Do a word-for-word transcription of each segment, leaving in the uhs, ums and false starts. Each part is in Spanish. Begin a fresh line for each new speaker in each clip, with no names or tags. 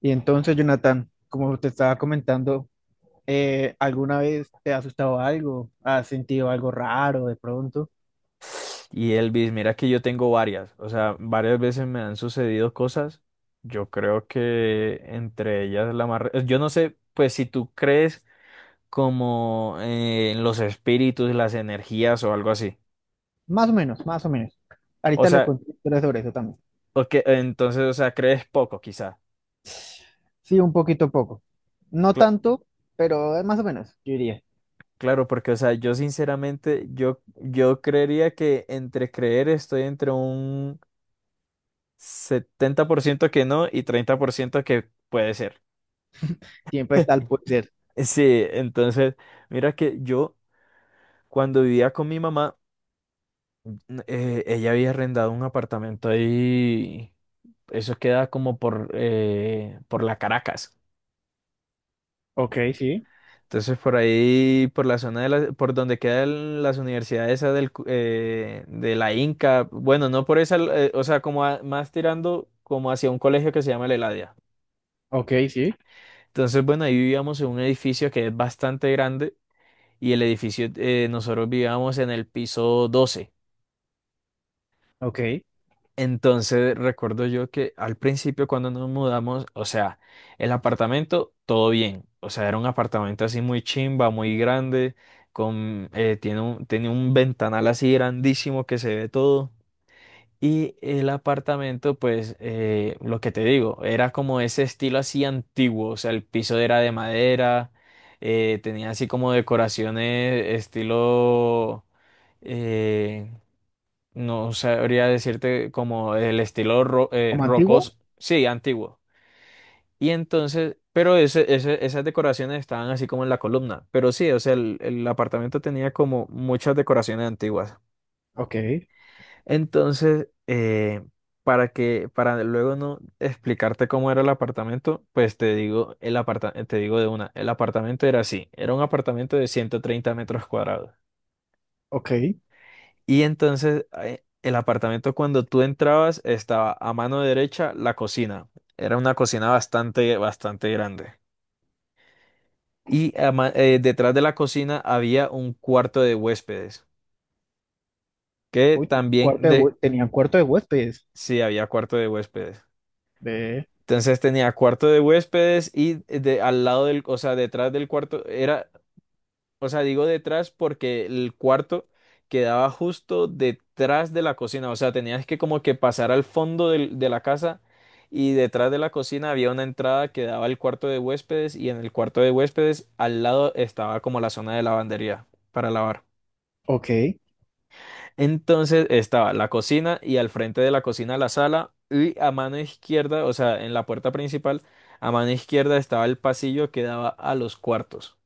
Y entonces, Jonathan, como te estaba comentando, eh, ¿alguna vez te ha asustado algo? ¿Has sentido algo raro de pronto?
Y Elvis, mira que yo tengo varias, o sea, varias veces me han sucedido cosas. Yo creo que entre ellas la más, re- eh, yo no sé, pues si tú crees como eh, en los espíritus, las energías o algo así.
Más o menos, más o menos.
O
Ahorita le
sea,
conté historias sobre eso también.
o que- entonces, o sea, crees poco quizá.
Sí, un poquito a poco. No
Cla-
tanto, pero eh, más o menos, yo diría.
claro, porque, o sea, yo sinceramente, yo, yo creería que entre creer estoy entre un setenta por ciento que no y treinta por ciento que puede ser.
Siempre está el puede ser.
Sí, entonces, mira que yo cuando vivía con mi mamá, eh, ella había arrendado un apartamento ahí, eso queda como por, eh, por la Caracas.
Ok, sí.
Entonces, por ahí, por la zona de la- por donde quedan las universidades esas del, cu- eh, de la Inca, bueno, no por esa, eh, o sea, como a- más tirando como hacia un colegio que se llama La Eladia.
Ok, sí.
Entonces, bueno, ahí vivíamos en un edificio que es bastante grande y el edificio, eh, nosotros vivíamos en el piso doce.
Ok.
Entonces recuerdo yo que al principio cuando nos mudamos, o sea, el apartamento, todo bien. O sea, era un apartamento así muy chimba, muy grande, con, eh, tiene un, tiene un ventanal así grandísimo que se ve todo. Y el apartamento, pues, eh, lo que te digo, era como ese estilo así antiguo. O sea, el piso era de madera, eh, tenía así como decoraciones estilo... eh, no sabría decirte como el estilo ro- eh,
Como antiguo.
rocos, sí, antiguo. Y entonces, pero ese, ese- esas decoraciones estaban así como en la columna. Pero sí, o sea, el, el apartamento tenía como muchas decoraciones antiguas.
Ok,
Entonces, eh, para que, para luego no explicarte cómo era el apartamento, pues te digo, el aparta- te digo de una, el apartamento era así, era un apartamento de ciento treinta metros cuadrados.
ok.
Y entonces eh, el apartamento cuando tú entrabas estaba a mano derecha la cocina. Era una cocina bastante, bastante grande. Y a ma- eh, detrás de la cocina había un cuarto de huéspedes, que
Uy,
también
cuarto de,
de...
hue- tenían cuarto de huéspedes.
Sí, había cuarto de huéspedes.
Ve.
Entonces tenía cuarto de huéspedes y eh, de, al lado del, o sea, detrás del cuarto era. O sea, digo detrás porque el cuarto quedaba justo detrás de la cocina. O sea, tenías que como que pasar al fondo del- de la casa y detrás de la cocina había una entrada que daba al cuarto de huéspedes y en el cuarto de huéspedes al lado estaba como la zona de lavandería para lavar.
Ok.
Entonces estaba la cocina y al frente de la cocina la sala y a mano izquierda, o sea, en la puerta principal, a mano izquierda estaba el pasillo que daba a los cuartos.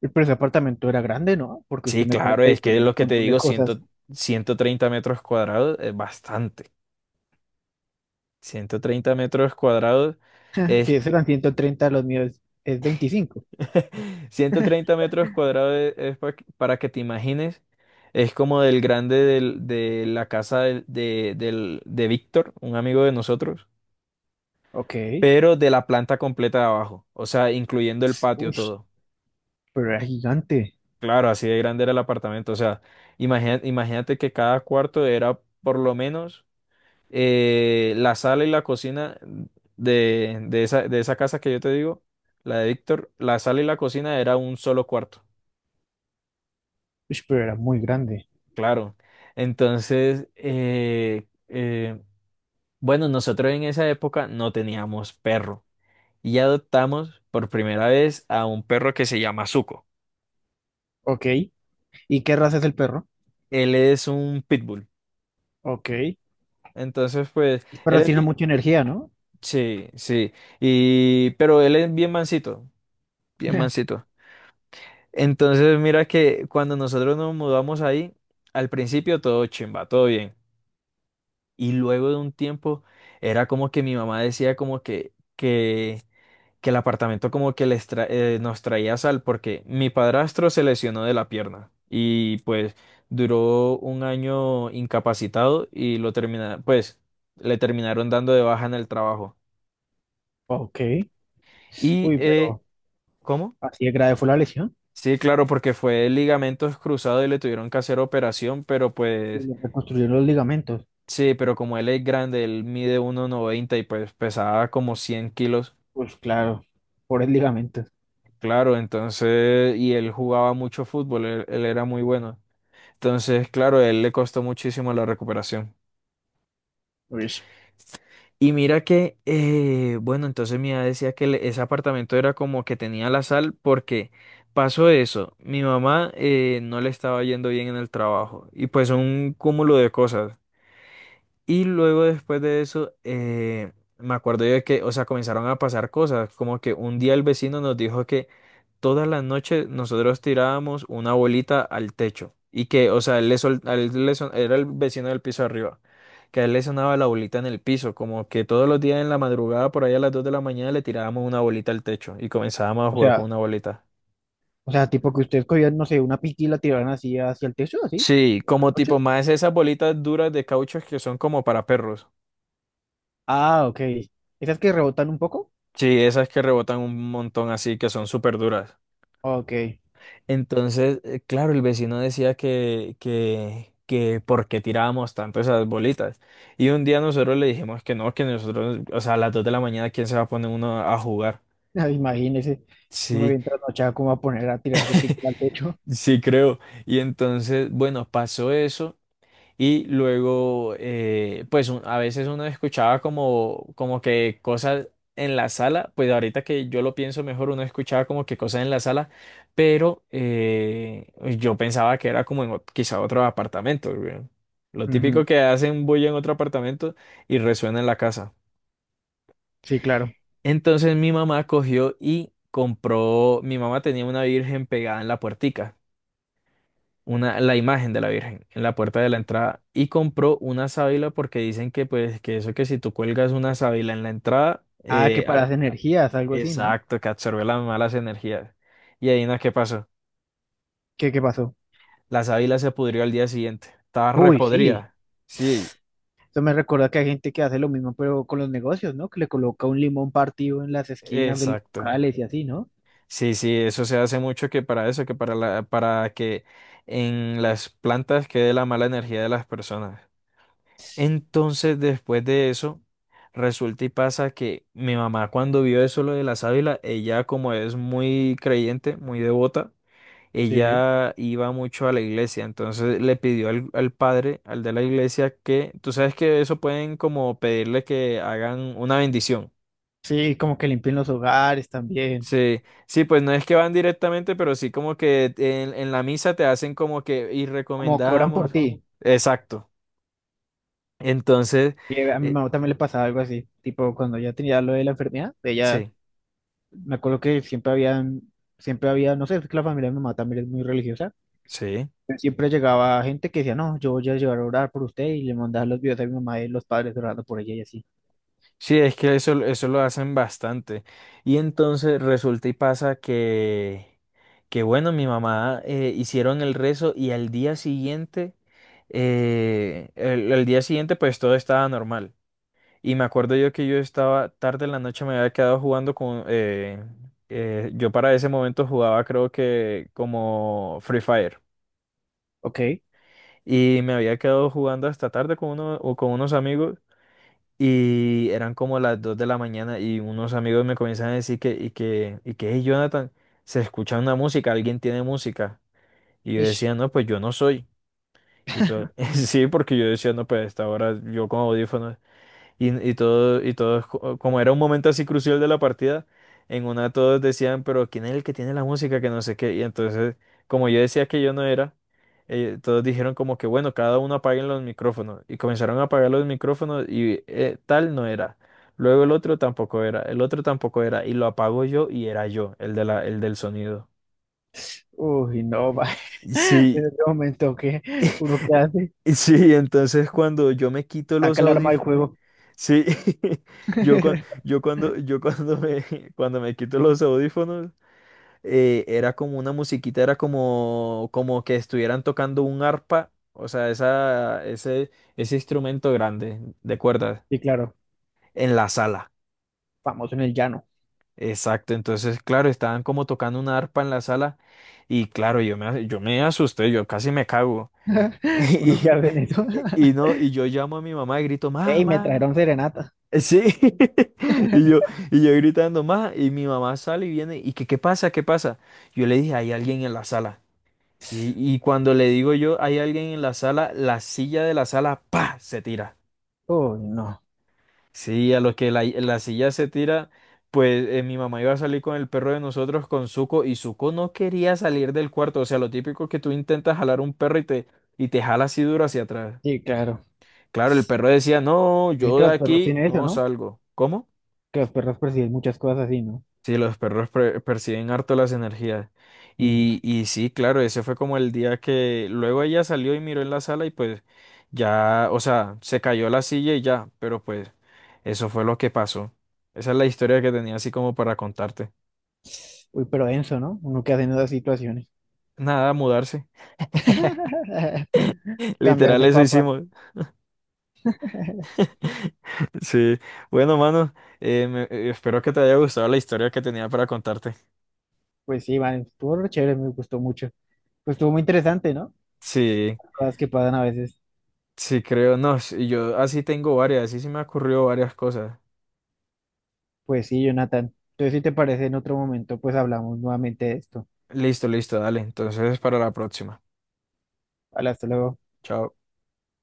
Pero ese apartamento era grande, ¿no? Porque usted
Sí,
me
claro,
cuenta y
es que
tenía
lo
un
que te
montón de
digo, cien,
cosas.
ciento treinta metros cuadrados es bastante. Ciento treinta metros cuadrados es.
Si esos eran ciento treinta los míos es veinticinco.
Ciento treinta metros cuadrados es, es pa- para que te imagines, es como del grande del- de la casa de, de, del- de Víctor, un amigo de nosotros,
Ok.
pero de la planta completa de abajo, o sea, incluyendo el patio
Uy,
todo.
pero era gigante.
Claro, así de grande era el apartamento, o sea, imagina- imagínate que cada cuarto era por lo menos. Eh, la sala y la cocina de, de esa, de esa casa que yo te digo, la de Víctor, la sala y la cocina era un solo cuarto,
Uy, pero era muy grande.
claro. Entonces, eh, eh, bueno, nosotros en esa época no teníamos perro y adoptamos por primera vez a un perro que se llama Zuko.
Ok. ¿Y qué raza es el perro?
Él es un pitbull.
Ok. El
Entonces, pues, él
perro
es
tiene
bien,
mucha energía, ¿no?
sí, sí, y, pero él es bien mansito, bien mansito. Entonces, mira que cuando nosotros nos mudamos ahí, al principio todo chimba, todo bien. Y luego de un tiempo era como que mi mamá decía como que, que, que el apartamento como que les tra- eh, nos traía sal porque mi padrastro se lesionó de la pierna y pues duró un año incapacitado y lo termina, pues le terminaron dando de baja en el trabajo.
Ok.
Y,
Uy,
eh,
pero
¿cómo?
así de grave fue la lesión.
Sí, claro, porque fue ligamentos cruzados y le tuvieron que hacer operación, pero
Y
pues...
le reconstruyeron los ligamentos.
Sí, pero como él es grande, él mide uno noventa y pues pesaba como cien kilos.
Pues claro, pobres ligamentos.
Claro, entonces, y él jugaba mucho fútbol, él, él era muy bueno. Entonces, claro, a él le costó muchísimo la recuperación.
Uy.
Y mira que, eh, bueno, entonces mi mamá decía que le- ese apartamento era como que tenía la sal porque pasó eso. Mi mamá eh, no le estaba yendo bien en el trabajo y pues un cúmulo de cosas. Y luego después de eso, eh, me acuerdo yo de que, o sea, comenzaron a pasar cosas, como que un día el vecino nos dijo que todas las noches nosotros tirábamos una bolita al techo y que, o sea, él le sol- a él le son- era el vecino del piso arriba, que a él le sonaba la bolita en el piso, como que todos los días en la madrugada, por ahí a las dos de la mañana, le tirábamos una bolita al techo y comenzábamos a
O
jugar con
sea,
una bolita.
o sea, tipo que ustedes cogían, no sé, una piquila y la tiraban así hacia el techo, así,
Sí, como
anoche.
tipo más esas bolitas duras de caucho que son como para perros.
Ah, ok. ¿Esas que rebotan un poco?
Sí, esas que rebotan un montón así, que son súper duras.
Ok.
Entonces, eh, claro, el vecino decía que, que, que por qué tirábamos tanto esas bolitas. Y un día nosotros le dijimos que no, que nosotros, o sea, a las dos de la mañana, ¿quién se va a poner uno a jugar?
Imagínese, uno
Sí,
bien trasnochado, ¿cómo va a poner a tirarse pique al techo?
sí creo. Y entonces, bueno, pasó eso. Y luego, eh, pues un- a veces uno escuchaba como, como que cosas en la sala, pues ahorita que yo lo pienso mejor, uno escuchaba como que cosas en la sala, pero eh, pues, yo pensaba que era como en ot- quizá otro apartamento, güey. Lo
Ujú.
típico que hacen bulla en otro apartamento y resuena en la casa.
Sí, claro.
Entonces mi mamá cogió y compró, mi mamá tenía una virgen pegada en la puertica. una, la imagen de la Virgen en la puerta de la entrada y compró una sábila porque dicen que pues que eso que si tú cuelgas una sábila en la entrada,
Ah, que
eh,
para
a-
las energías, algo así, ¿no?
exacto, que absorbe las malas energías. Y ahí no, ¿qué pasó?
¿Qué, qué pasó?
La sábila se pudrió al día siguiente, estaba
Uy, sí.
repodrida. Sí,
Eso me recuerda que hay gente que hace lo mismo, pero con los negocios, ¿no? Que le coloca un limón partido en las esquinas de los
exacto.
locales y así, ¿no?
Sí, sí, eso se hace mucho que para eso, que para la, para que en las plantas quede la mala energía de las personas. Entonces, después de eso, resulta y pasa que mi mamá cuando vio eso lo de la sábila, ella como es muy creyente, muy devota,
Sí.
ella iba mucho a la iglesia, entonces le pidió al, al padre, al de la iglesia, que, tú sabes que eso pueden como pedirle que hagan una bendición.
Sí, como que limpian los hogares también.
Sí, sí, pues no es que van directamente, pero sí como que en, en, la misa te hacen como que y
Como que oran por
recomendamos.
ti.
Exacto. Entonces,
Eh, A mi
eh,
mamá también le pasaba algo así. Tipo, cuando ya tenía lo de la enfermedad, ella,
sí,
me acuerdo que siempre habían, siempre había, no sé, es que la familia de mi mamá también es muy religiosa,
sí.
siempre llegaba gente que decía, no, yo voy a llegar a orar por usted y le mandaba los videos a mi mamá y los padres orando por ella y así.
Sí, es que eso, eso lo hacen bastante. Y entonces resulta y pasa que, que bueno, mi mamá eh, hicieron el rezo y al día siguiente, eh, el, el día siguiente pues todo estaba normal. Y me acuerdo yo que yo estaba tarde en la noche, me había quedado jugando con... eh, eh, yo para ese momento jugaba creo que como Free Fire.
Ok.
Y me había quedado jugando hasta tarde con uno, o con unos amigos. Y eran como las dos de la mañana y unos amigos me comienzan a decir que, y que, y que, "Hey, Jonathan, se escucha una música, alguien tiene música". Y yo
Ish.
decía, no, pues yo no soy. Y todo, sí, porque yo decía, no, pues a esta hora yo con audífonos. Y, y todo, y todos, co- como era un momento así crucial de la partida, en una todos decían, pero ¿quién es el que tiene la música? Que no sé qué. Y entonces, como yo decía que yo no era, eh, todos dijeron como que, bueno, cada uno apaguen los micrófonos. Y comenzaron a apagar los micrófonos y eh, tal no era. Luego el otro tampoco era, el otro tampoco era. Y lo apago yo y era yo, el de la, el del sonido.
Uy, no, va.
Sí,
En ese momento que uno que hace,
sí, entonces cuando yo me quito los
saca el arma del
audífonos.
juego.
Sí, yo, cuan- yo cuando, yo cuando me, cuando me quito los audífonos, eh, era como una musiquita, era como, como que estuvieran tocando un arpa, o sea, esa, ese, ese instrumento grande de cuerdas
Y claro,
en la sala.
famoso en el llano.
Exacto, entonces, claro, estaban como tocando una arpa en la sala y claro, yo me, yo me, asusté, yo casi me cago.
Uno que
Y,
hace en eso.
y, y no, y yo llamo a mi mamá y grito, mamá,
Ey, me
mamá.
trajeron serenata.
Sí, y yo, y yo gritando más, y mi mamá sale y viene, y que, ¿qué pasa? ¿Qué pasa? Yo le dije, hay alguien en la sala. Y, y cuando le digo yo, hay alguien en la sala, la silla de la sala, ¡pa! Se tira.
Uy, no.
Sí, a lo que la, la silla se tira, pues eh, mi mamá iba a salir con el perro de nosotros, con Zuko, y Zuko no quería salir del cuarto. O sea, lo típico que tú intentas jalar un perro y te, y te jala así duro hacia atrás.
Sí, claro.
Claro, el perro decía, no,
Dicen
yo
que
de
los perros
aquí
tienen eso,
no
¿no?
salgo. ¿Cómo?
Que los perros perciben muchas cosas así, ¿no?
Sí, los perros pre- perciben harto las energías.
Mm.
Y, y sí, claro, ese fue como el día que luego ella salió y miró en la sala y pues ya, o sea, se cayó la silla y ya, pero pues eso fue lo que pasó. Esa es la historia que tenía así como para contarte.
Uy, pero denso, ¿no? Uno que hace en esas situaciones.
Nada, mudarse.
Cambiar
Literal,
de
eso
papa.
hicimos. Sí. Bueno, mano, eh, me- eh, espero que te haya gustado la historia que tenía para contarte.
Pues sí, vale, estuvo re chévere, me gustó mucho. Pues estuvo muy interesante, ¿no?
Sí,
Cosas que pasan a veces.
sí, creo, no, sí, yo así tengo varias, así se me ocurrió varias cosas.
Pues sí, Jonathan. Entonces, si te parece, en otro momento, pues hablamos nuevamente de esto.
Listo, listo, dale. Entonces, para la próxima.
Vale, hasta luego.
Chao.